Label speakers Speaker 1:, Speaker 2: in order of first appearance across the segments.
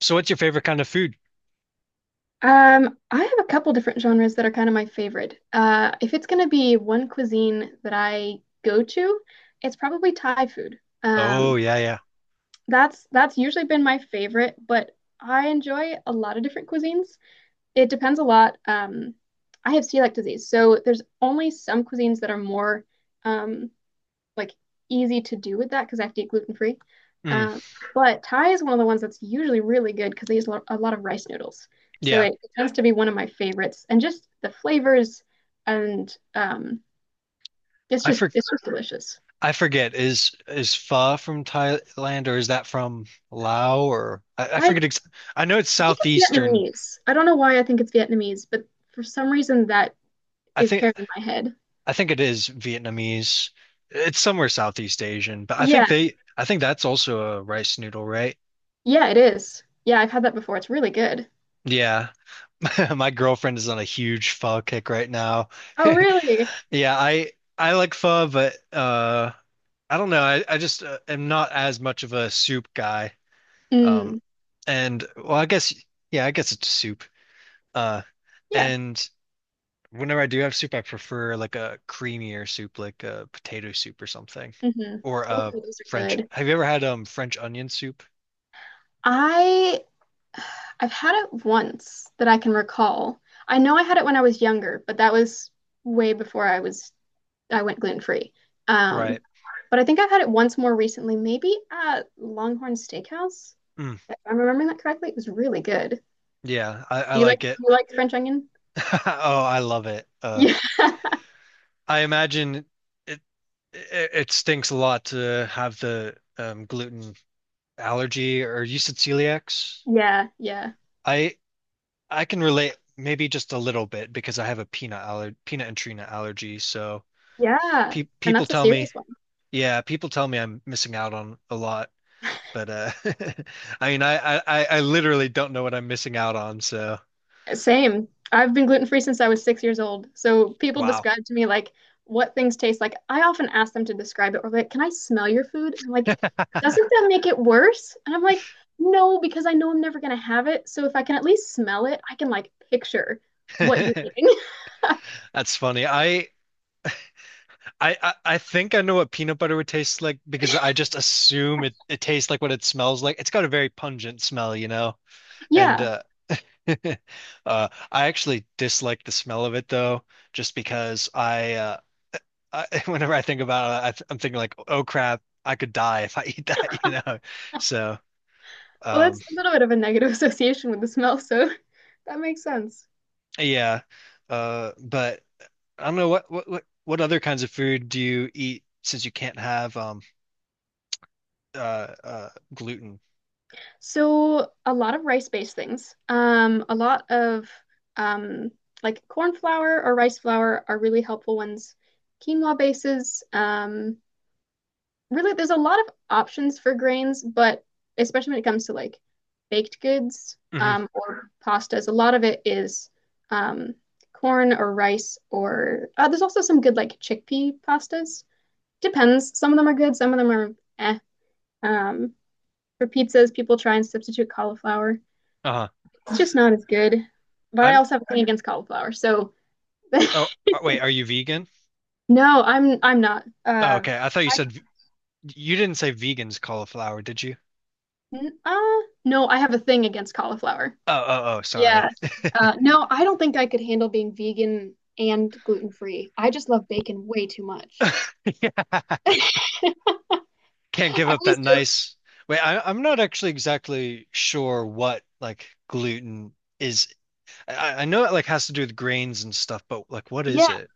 Speaker 1: So what's your favorite kind of food?
Speaker 2: I have a couple different genres that are kind of my favorite. If it's going to be one cuisine that I go to, it's probably Thai food. Um,
Speaker 1: Oh yeah, yeah.
Speaker 2: that's that's usually been my favorite, but I enjoy a lot of different cuisines. It depends a lot. I have celiac disease, so there's only some cuisines that are more um, like easy to do with that because I have to eat gluten free.
Speaker 1: Mm,
Speaker 2: Um, but Thai is one of the ones that's usually really good because they use a lot, of rice noodles. So
Speaker 1: yeah.
Speaker 2: it tends to be one of my favorites, and just the flavors, and
Speaker 1: I for
Speaker 2: it's just delicious.
Speaker 1: I forget. Is pho from Thailand or is that from Lao or I
Speaker 2: I
Speaker 1: forget ex I know it's
Speaker 2: I think it's
Speaker 1: southeastern.
Speaker 2: Vietnamese. I don't know why I think it's Vietnamese, but for some reason that
Speaker 1: I
Speaker 2: is
Speaker 1: think
Speaker 2: paired in my head.
Speaker 1: I think it is Vietnamese. It's somewhere Southeast Asian, but
Speaker 2: Yeah,
Speaker 1: I think that's also a rice noodle, right?
Speaker 2: yeah, it is. Yeah, I've had that before. It's really good.
Speaker 1: Yeah. My girlfriend is on a huge pho kick right now.
Speaker 2: Oh, really?
Speaker 1: Yeah, I like pho, but I don't know. I just am not as much of a soup guy. Um,
Speaker 2: Mm,
Speaker 1: and well, I guess yeah, I guess it's soup. Uh,
Speaker 2: yeah.
Speaker 1: and whenever I do have soup, I prefer like a creamier soup, like a potato soup or something,
Speaker 2: Hmm.
Speaker 1: or
Speaker 2: Oh,
Speaker 1: a
Speaker 2: those are
Speaker 1: French.
Speaker 2: good.
Speaker 1: Have you ever had French onion soup?
Speaker 2: I I've had it once that I can recall. I know I had it when I was younger, but that was way before I went gluten free. Um,
Speaker 1: Right.
Speaker 2: but I think I've had it once more recently, maybe at Longhorn Steakhouse.
Speaker 1: Mm,
Speaker 2: If I'm remembering that correctly, it was really good.
Speaker 1: yeah, I like it.
Speaker 2: Do you like French onion?
Speaker 1: Oh, I love it. I imagine it, it stinks a lot to have the gluten allergy, or you said celiacs.
Speaker 2: Yeah, yeah, yeah,
Speaker 1: I I can relate maybe just a little bit because I have a peanut and tree nut allergy. So
Speaker 2: yeah.
Speaker 1: pe
Speaker 2: And
Speaker 1: people
Speaker 2: that's a
Speaker 1: tell me,
Speaker 2: serious one.
Speaker 1: yeah, people tell me I'm missing out on a lot. But I mean, I literally don't know what I'm missing out on. So
Speaker 2: Same. I've been gluten free since I was 6 years old. So people
Speaker 1: wow,
Speaker 2: describe to me like what things taste like. I often ask them to describe it or like, can I smell your food? And I'm like, doesn't that make it worse? And I'm like, no, because I know I'm never gonna have it. So if I can at least smell it, I can like picture what you're
Speaker 1: that's
Speaker 2: eating.
Speaker 1: funny. I think I know what peanut butter would taste like because I just assume it tastes like what it smells like. It's got a very pungent smell, you know, and
Speaker 2: Yeah.
Speaker 1: I actually dislike the smell of it though, just because whenever I think about it, I'm thinking like, oh crap, I could die if I eat that, you know. So,
Speaker 2: Well,
Speaker 1: um,
Speaker 2: that's a little bit of a negative association with the smell, so that makes sense.
Speaker 1: yeah. But I don't know what other kinds of food do you eat since you can't have uh uh gluten?
Speaker 2: So a lot of rice-based things. A lot of um, like corn flour or rice flour are really helpful ones. Quinoa bases. Really, there's a lot of options for grains, but especially when it comes to like baked goods
Speaker 1: Hmm
Speaker 2: or pastas, a lot of it is um, corn or rice. Or there's also some good like chickpea pastas. Depends. Some of them are good. Some of them are eh. Um, for pizzas, people try and substitute cauliflower.
Speaker 1: Uh-huh.
Speaker 2: It's just not as good. But I
Speaker 1: I'm
Speaker 2: also have a thing against cauliflower. So
Speaker 1: oh wait, are you vegan?
Speaker 2: no, I'm not.
Speaker 1: Oh, okay. I thought you
Speaker 2: I
Speaker 1: said you didn't say vegans cauliflower, did you?
Speaker 2: n- uh no, I have a thing against cauliflower.
Speaker 1: Oh, oh, oh, sorry.
Speaker 2: Yeah. No, I don't think I could handle being vegan and gluten free. I just love bacon way too much.
Speaker 1: Yeah.
Speaker 2: I
Speaker 1: Can't give up that
Speaker 2: always joke.
Speaker 1: nice. Wait, I'm not actually exactly sure what like gluten is. I know it like has to do with grains and stuff, but like what is
Speaker 2: Yeah.
Speaker 1: it?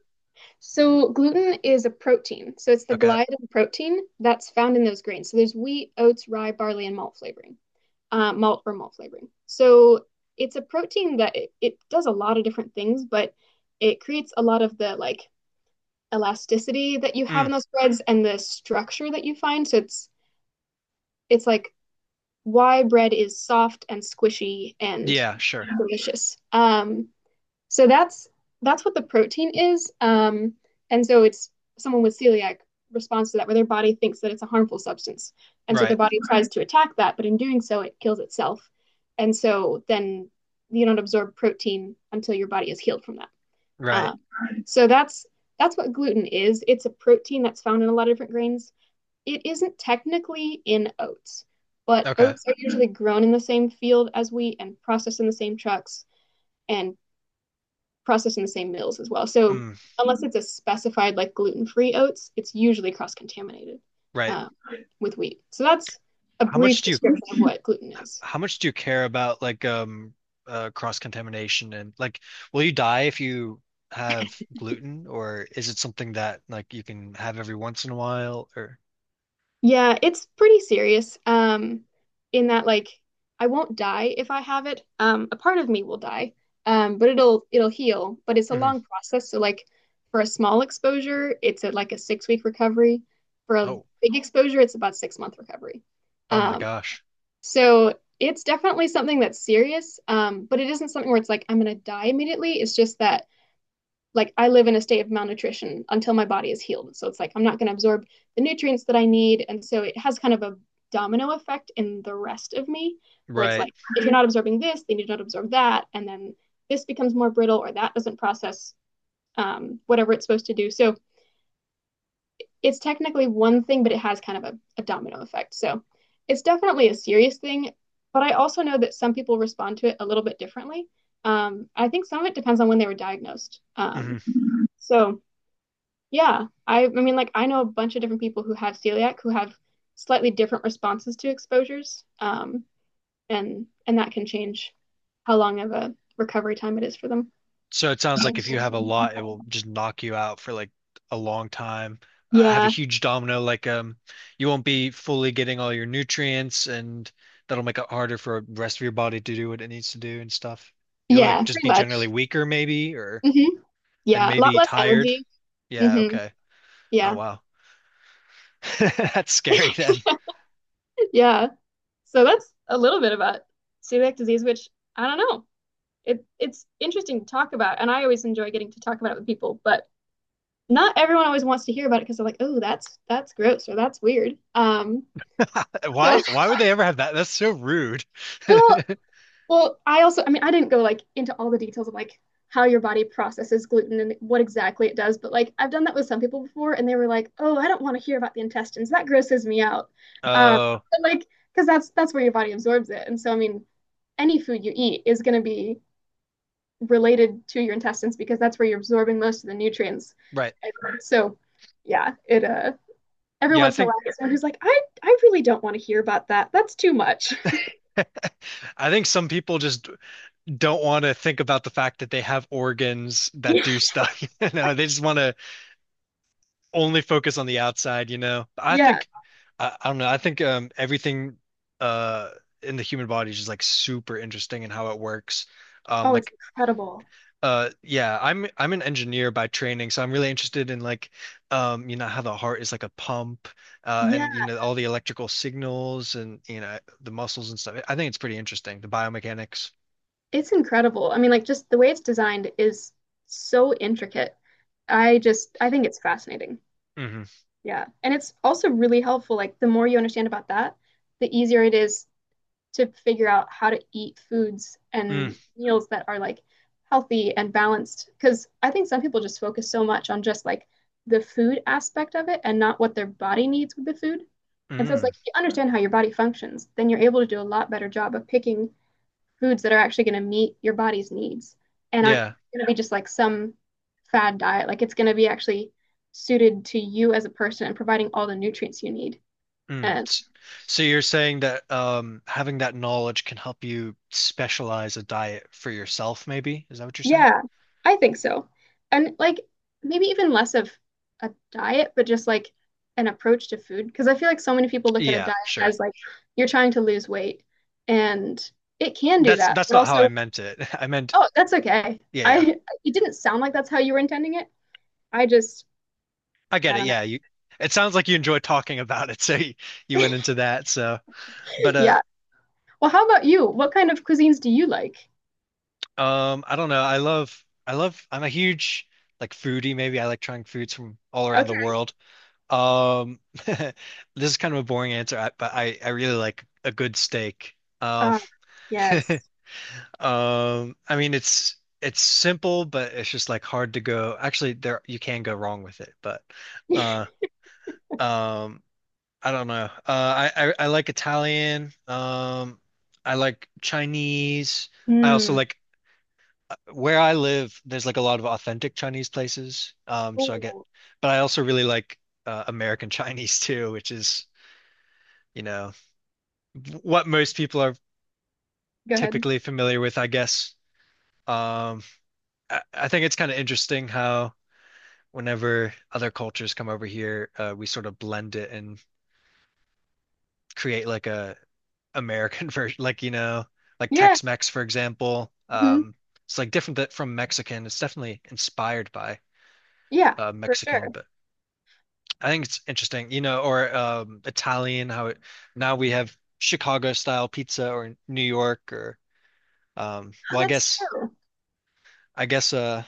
Speaker 2: So gluten is a protein. So it's the
Speaker 1: Okay.
Speaker 2: gliadin protein that's found in those grains. So there's wheat, oats, rye, barley, and malt flavoring. Malt flavoring. So it's a protein that it does a lot of different things, but it creates a lot of the like elasticity that you have
Speaker 1: Mm.
Speaker 2: in those breads and the structure that you find. So it's like why bread is soft and squishy and
Speaker 1: Yeah, sure.
Speaker 2: delicious. So that's what the protein is. And so it's Someone with celiac responds to that where their body thinks that it's a harmful substance. And so their
Speaker 1: Right.
Speaker 2: body tries to attack that, but in doing so it kills itself. And so then you don't absorb protein until your body is healed from that.
Speaker 1: Right.
Speaker 2: Uh, so that's what gluten is. It's a protein that's found in a lot of different grains. It isn't technically in oats, but
Speaker 1: Okay.
Speaker 2: oats are usually grown in the same field as wheat and processed in the same trucks and processed in the same mills as well. So
Speaker 1: Mm.
Speaker 2: unless it's a specified like gluten-free oats, it's usually cross-contaminated
Speaker 1: Right.
Speaker 2: uh, with wheat. So that's a
Speaker 1: How much
Speaker 2: brief
Speaker 1: do you
Speaker 2: description of what gluten is.
Speaker 1: how much do you care about like cross contamination and like will you die if you have gluten, or is it something that like you can have every once in a while or
Speaker 2: Yeah, it's pretty serious. In that like I won't die if I have it. A part of me will die, but it'll heal. But it's a
Speaker 1: Mhm.
Speaker 2: long process. So like for a small exposure, like a 6 week recovery. For a
Speaker 1: Oh,
Speaker 2: big exposure, it's about 6 month recovery.
Speaker 1: oh my
Speaker 2: Um,
Speaker 1: gosh.
Speaker 2: So it's definitely something that's serious, but it isn't something where it's like I'm gonna die immediately. It's just that like I live in a state of malnutrition until my body is healed. So it's like I'm not gonna absorb the nutrients that I need, and so it has kind of a domino effect in the rest of me, where it's
Speaker 1: Right.
Speaker 2: like if you're not absorbing this, then you don't absorb that, and then this becomes more brittle or that doesn't process whatever it's supposed to do. So it's technically one thing, but it has kind of a domino effect. So it's definitely a serious thing, but I also know that some people respond to it a little bit differently. I think some of it depends on when they were diagnosed.
Speaker 1: Mhm.
Speaker 2: So yeah, I mean, like I know a bunch of different people who have celiac who have slightly different responses to exposures, and that can change how long of a recovery time it is for them.
Speaker 1: So it sounds like if you have a lot, it will just knock you out for like a long time. Have a
Speaker 2: Yeah,
Speaker 1: huge domino, like you won't be fully getting all your nutrients, and that'll make it harder for the rest of your body to do what it needs to do and stuff. You'll
Speaker 2: yeah,
Speaker 1: like just
Speaker 2: pretty
Speaker 1: be generally
Speaker 2: much.
Speaker 1: weaker, maybe, or
Speaker 2: Hmm.
Speaker 1: and
Speaker 2: Yeah, a lot
Speaker 1: maybe
Speaker 2: less
Speaker 1: tired.
Speaker 2: energy.
Speaker 1: Yeah,
Speaker 2: Hmm.
Speaker 1: okay. Oh
Speaker 2: Yeah,
Speaker 1: wow. That's scary then.
Speaker 2: yeah. So that's a little bit about celiac disease, which I don't know. It's interesting to talk about, and I always enjoy getting to talk about it with people, but not everyone always wants to hear about it because they're like, "Oh, that's gross or that's weird." So
Speaker 1: Why would they ever have that? That's so rude.
Speaker 2: well, well, I also, I mean, I didn't go like into all the details of like how your body processes gluten and what exactly it does, but like I've done that with some people before, and they were like, "Oh, I don't want to hear about the intestines. That grosses me out." Um,
Speaker 1: Oh,
Speaker 2: but, like because that's where your body absorbs it, and so I mean, any food you eat is going to be related to your intestines because that's where you're absorbing most of the nutrients.
Speaker 1: right.
Speaker 2: And so, yeah, it every
Speaker 1: Yeah,
Speaker 2: once in a while there's someone who's like, I really don't want to hear about that. That's too much.
Speaker 1: I think some people just don't want to think about the fact that they have organs that do stuff. You know, they just want to only focus on the outside, you know. I
Speaker 2: yeah.
Speaker 1: think I don't know. I think everything uh in the human body is just like super interesting and how it works.
Speaker 2: Oh, it's
Speaker 1: Like
Speaker 2: incredible.
Speaker 1: yeah, I'm an engineer by training, so I'm really interested in like you know how the heart is like a pump
Speaker 2: Yeah,
Speaker 1: and you know all the electrical signals and you know the muscles and stuff. I think it's pretty interesting, the biomechanics.
Speaker 2: it's incredible. I mean, like just the way it's designed is so intricate. I think it's fascinating.
Speaker 1: Hmm
Speaker 2: Yeah. And it's also really helpful. Like the more you understand about that, the easier it is to figure out how to eat foods
Speaker 1: Mm,
Speaker 2: and meals that are like healthy and balanced. Because I think some people just focus so much on just like the food aspect of it and not what their body needs with the food. And so it's
Speaker 1: mm.
Speaker 2: like if you understand how your body functions, then you're able to do a lot better job of picking foods that are actually going to meet your body's needs and aren't
Speaker 1: Yeah.
Speaker 2: going to be just like some fad diet. Like it's going to be actually suited to you as a person and providing all the nutrients you need.
Speaker 1: Mm.
Speaker 2: And
Speaker 1: So you're saying that having that knowledge can help you specialize a diet for yourself, maybe? Is that what you're saying?
Speaker 2: yeah, I think so. And like maybe even less of a diet, but just like an approach to food. Because I feel like so many people look at a
Speaker 1: Yeah,
Speaker 2: diet
Speaker 1: sure.
Speaker 2: as like you're trying to lose weight and it can do that.
Speaker 1: That's
Speaker 2: But
Speaker 1: not how I
Speaker 2: also,
Speaker 1: meant it. I meant,
Speaker 2: oh, that's okay.
Speaker 1: yeah, yeah.
Speaker 2: I It didn't sound like that's how you were intending it. I just
Speaker 1: I get
Speaker 2: I
Speaker 1: it.
Speaker 2: don't know.
Speaker 1: Yeah, you. It sounds like you enjoy talking about it, so you went into that. So, but
Speaker 2: Yeah. Well, how about you? What kind of cuisines do you like?
Speaker 1: I don't know. I love. I'm a huge like foodie. Maybe I like trying foods from all around the
Speaker 2: Okay.
Speaker 1: world. Um, this is kind of a boring answer, but I really like a good steak. Um,
Speaker 2: Uh, yes.
Speaker 1: I mean it's simple, but it's just like hard to go. Actually, there you can go wrong with it, but uh um I don't know. I like Italian. Um, I like Chinese. I also
Speaker 2: Mm.
Speaker 1: like where I live, there's like a lot of authentic Chinese places. So I get
Speaker 2: Ooh.
Speaker 1: but I also really like American Chinese too, which is, you know, what most people are
Speaker 2: Go ahead.
Speaker 1: typically familiar with, I guess. Um I think it's kind of interesting how whenever other cultures come over here, we sort of blend it and create like a American version, like you know, like
Speaker 2: Yeah.
Speaker 1: Tex-Mex, for example.
Speaker 2: Hmm.
Speaker 1: It's like different th from Mexican. It's definitely inspired by
Speaker 2: Yeah, for
Speaker 1: Mexican,
Speaker 2: sure.
Speaker 1: but I think it's interesting, you know, or Italian. How it now we have Chicago style pizza or New York or um,
Speaker 2: Oh,
Speaker 1: well, I
Speaker 2: that's
Speaker 1: guess
Speaker 2: true.
Speaker 1: I guess uh,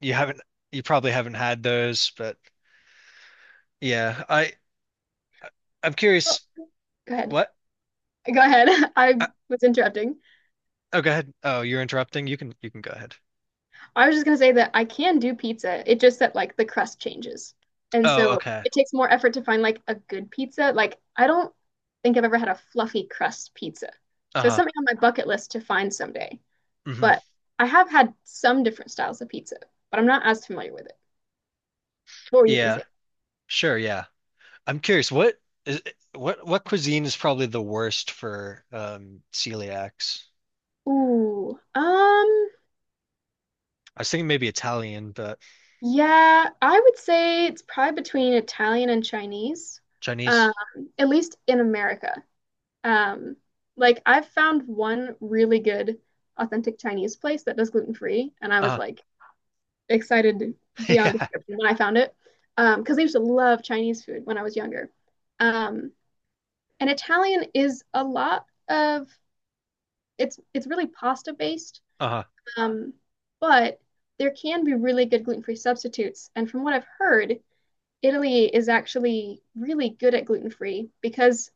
Speaker 1: you haven't you probably haven't had those, but yeah, I'm
Speaker 2: Well,
Speaker 1: curious.
Speaker 2: go ahead.
Speaker 1: What?
Speaker 2: Go ahead. I was interrupting.
Speaker 1: Oh, go ahead. Oh, you're interrupting. You can go ahead.
Speaker 2: I was just going to say that I can do pizza. It just that like the crust changes. And
Speaker 1: Oh,
Speaker 2: so
Speaker 1: okay.
Speaker 2: it takes more effort to find like a good pizza. Like I don't think I've ever had a fluffy crust pizza. So it's
Speaker 1: Uh-huh.
Speaker 2: something on my bucket list to find someday.
Speaker 1: hmm
Speaker 2: But I have had some different styles of pizza, but I'm not as familiar with it. What were you going
Speaker 1: Yeah.
Speaker 2: to say?
Speaker 1: Sure, yeah. I'm curious, is what cuisine is probably the worst for celiacs?
Speaker 2: Ooh.
Speaker 1: I was thinking maybe Italian, but
Speaker 2: Yeah, I would say it's probably between Italian and Chinese. Um,
Speaker 1: Chinese.
Speaker 2: at least in America. Um, like I've found one really good authentic Chinese place that does gluten free, and I was
Speaker 1: Uh-huh.
Speaker 2: like excited beyond
Speaker 1: Yeah.
Speaker 2: description when I found it. Because I used to love Chinese food when I was younger. Um, and Italian is a lot of it's really pasta based.
Speaker 1: Uh-huh.
Speaker 2: Um, but there can be really good gluten-free substitutes. And from what I've heard, Italy is actually really good at gluten-free because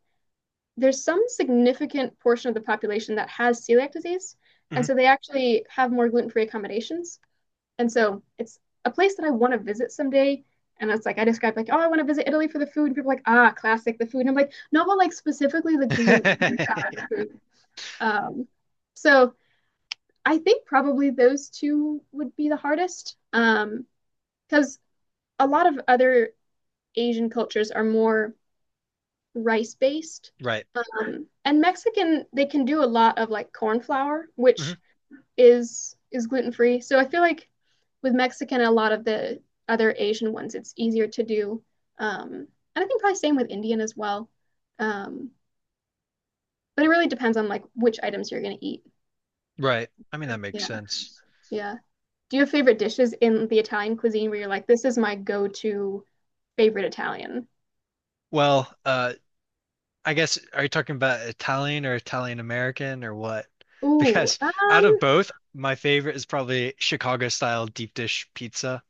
Speaker 2: there's some significant portion of the population that has celiac disease. And
Speaker 1: Mhm.
Speaker 2: so they actually have more gluten free accommodations. And so it's a place that I want to visit someday. And it's like I described, like, oh, I want to visit Italy for the food. And people are like, ah, classic, the food. And I'm like, no, but like specifically the gluten free food. Um, so I think probably those two would be the hardest. Because a lot of other Asian cultures are more rice based.
Speaker 1: Right.
Speaker 2: And Mexican, they can do a lot of like corn flour,
Speaker 1: hmm
Speaker 2: which is gluten free. So I feel like with Mexican, a lot of the other Asian ones, it's easier to do. Um, and I think probably same with Indian as well. Um, but it really depends on like which items you're gonna eat.
Speaker 1: Right. I mean that makes
Speaker 2: Yeah,
Speaker 1: sense.
Speaker 2: yeah. Do you have favorite dishes in the Italian cuisine where you're like, this is my go-to favorite Italian?
Speaker 1: Well, I guess, are you talking about Italian or Italian American or what?
Speaker 2: Ooh,
Speaker 1: Because out of both, my favorite is probably Chicago style deep dish pizza.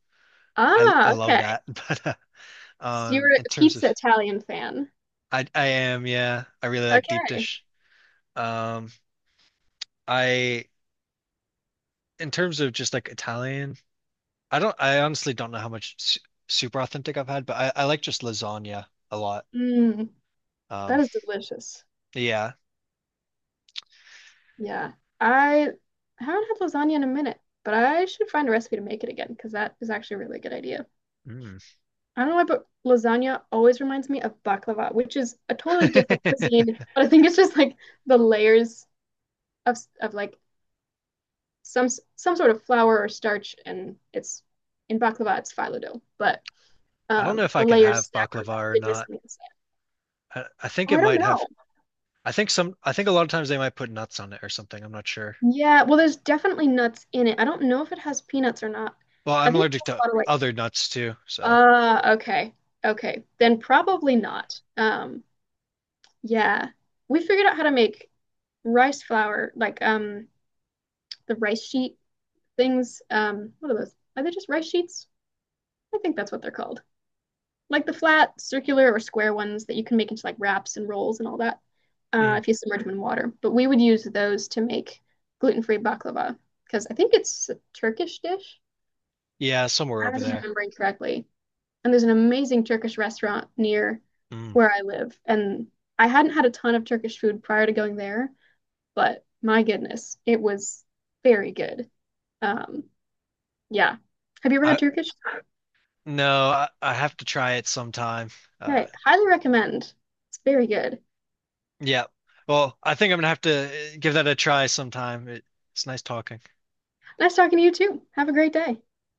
Speaker 2: ah,
Speaker 1: I love
Speaker 2: okay.
Speaker 1: that. But
Speaker 2: So you're a
Speaker 1: in terms of,
Speaker 2: pizza Italian fan.
Speaker 1: I am yeah, I really like deep
Speaker 2: Okay.
Speaker 1: dish. Um, I in terms of just like Italian, I honestly don't know how much su super authentic I've had, but I like just lasagna a lot.
Speaker 2: Mm, that
Speaker 1: Um,
Speaker 2: is delicious.
Speaker 1: yeah.
Speaker 2: Yeah. I haven't had lasagna in a minute, but I should find a recipe to make it again because that is actually a really good idea.
Speaker 1: Mm.
Speaker 2: I don't know why, but lasagna always reminds me of baklava, which is a totally different cuisine.
Speaker 1: I
Speaker 2: But I think it's just like the layers of of like some some sort of flour or starch, and it's in baklava it's phyllo dough, but
Speaker 1: don't know if I
Speaker 2: the
Speaker 1: can
Speaker 2: layers
Speaker 1: have
Speaker 2: stacked on the
Speaker 1: baklava or
Speaker 2: thickness
Speaker 1: not.
Speaker 2: on the inside.
Speaker 1: I think
Speaker 2: Oh,
Speaker 1: it
Speaker 2: I don't
Speaker 1: might have.
Speaker 2: know.
Speaker 1: I think a lot of times they might put nuts on it or something. I'm not sure.
Speaker 2: Yeah, well, there's definitely nuts in it. I don't know if it has peanuts or not.
Speaker 1: Well,
Speaker 2: I
Speaker 1: I'm
Speaker 2: think it
Speaker 1: allergic
Speaker 2: has
Speaker 1: to
Speaker 2: a lot of like,
Speaker 1: other nuts too, so
Speaker 2: ah, okay, okay, then probably not. Yeah, we figured out how to make rice flour, like the rice sheet things. What are those? Are they just rice sheets? I think that's what they're called. Like the flat, circular, or square ones that you can make into like wraps and rolls and all that,
Speaker 1: mm.
Speaker 2: if you submerge them in water. But we would use those to make gluten-free baklava because I think it's a Turkish dish.
Speaker 1: Yeah, somewhere
Speaker 2: I
Speaker 1: over
Speaker 2: was
Speaker 1: there.
Speaker 2: remembering correctly. And there's an amazing Turkish restaurant near
Speaker 1: Mm.
Speaker 2: where I live. And I hadn't had a ton of Turkish food prior to going there, but my goodness, it was very good. Um, yeah. Have you ever
Speaker 1: I
Speaker 2: had Turkish?
Speaker 1: no, I have to try it sometime. Uh
Speaker 2: Okay, highly recommend. It's very good.
Speaker 1: yeah. Well, I think I'm gonna have to give that a try sometime. It, it's nice talking.
Speaker 2: Nice talking to you too. Have a great day.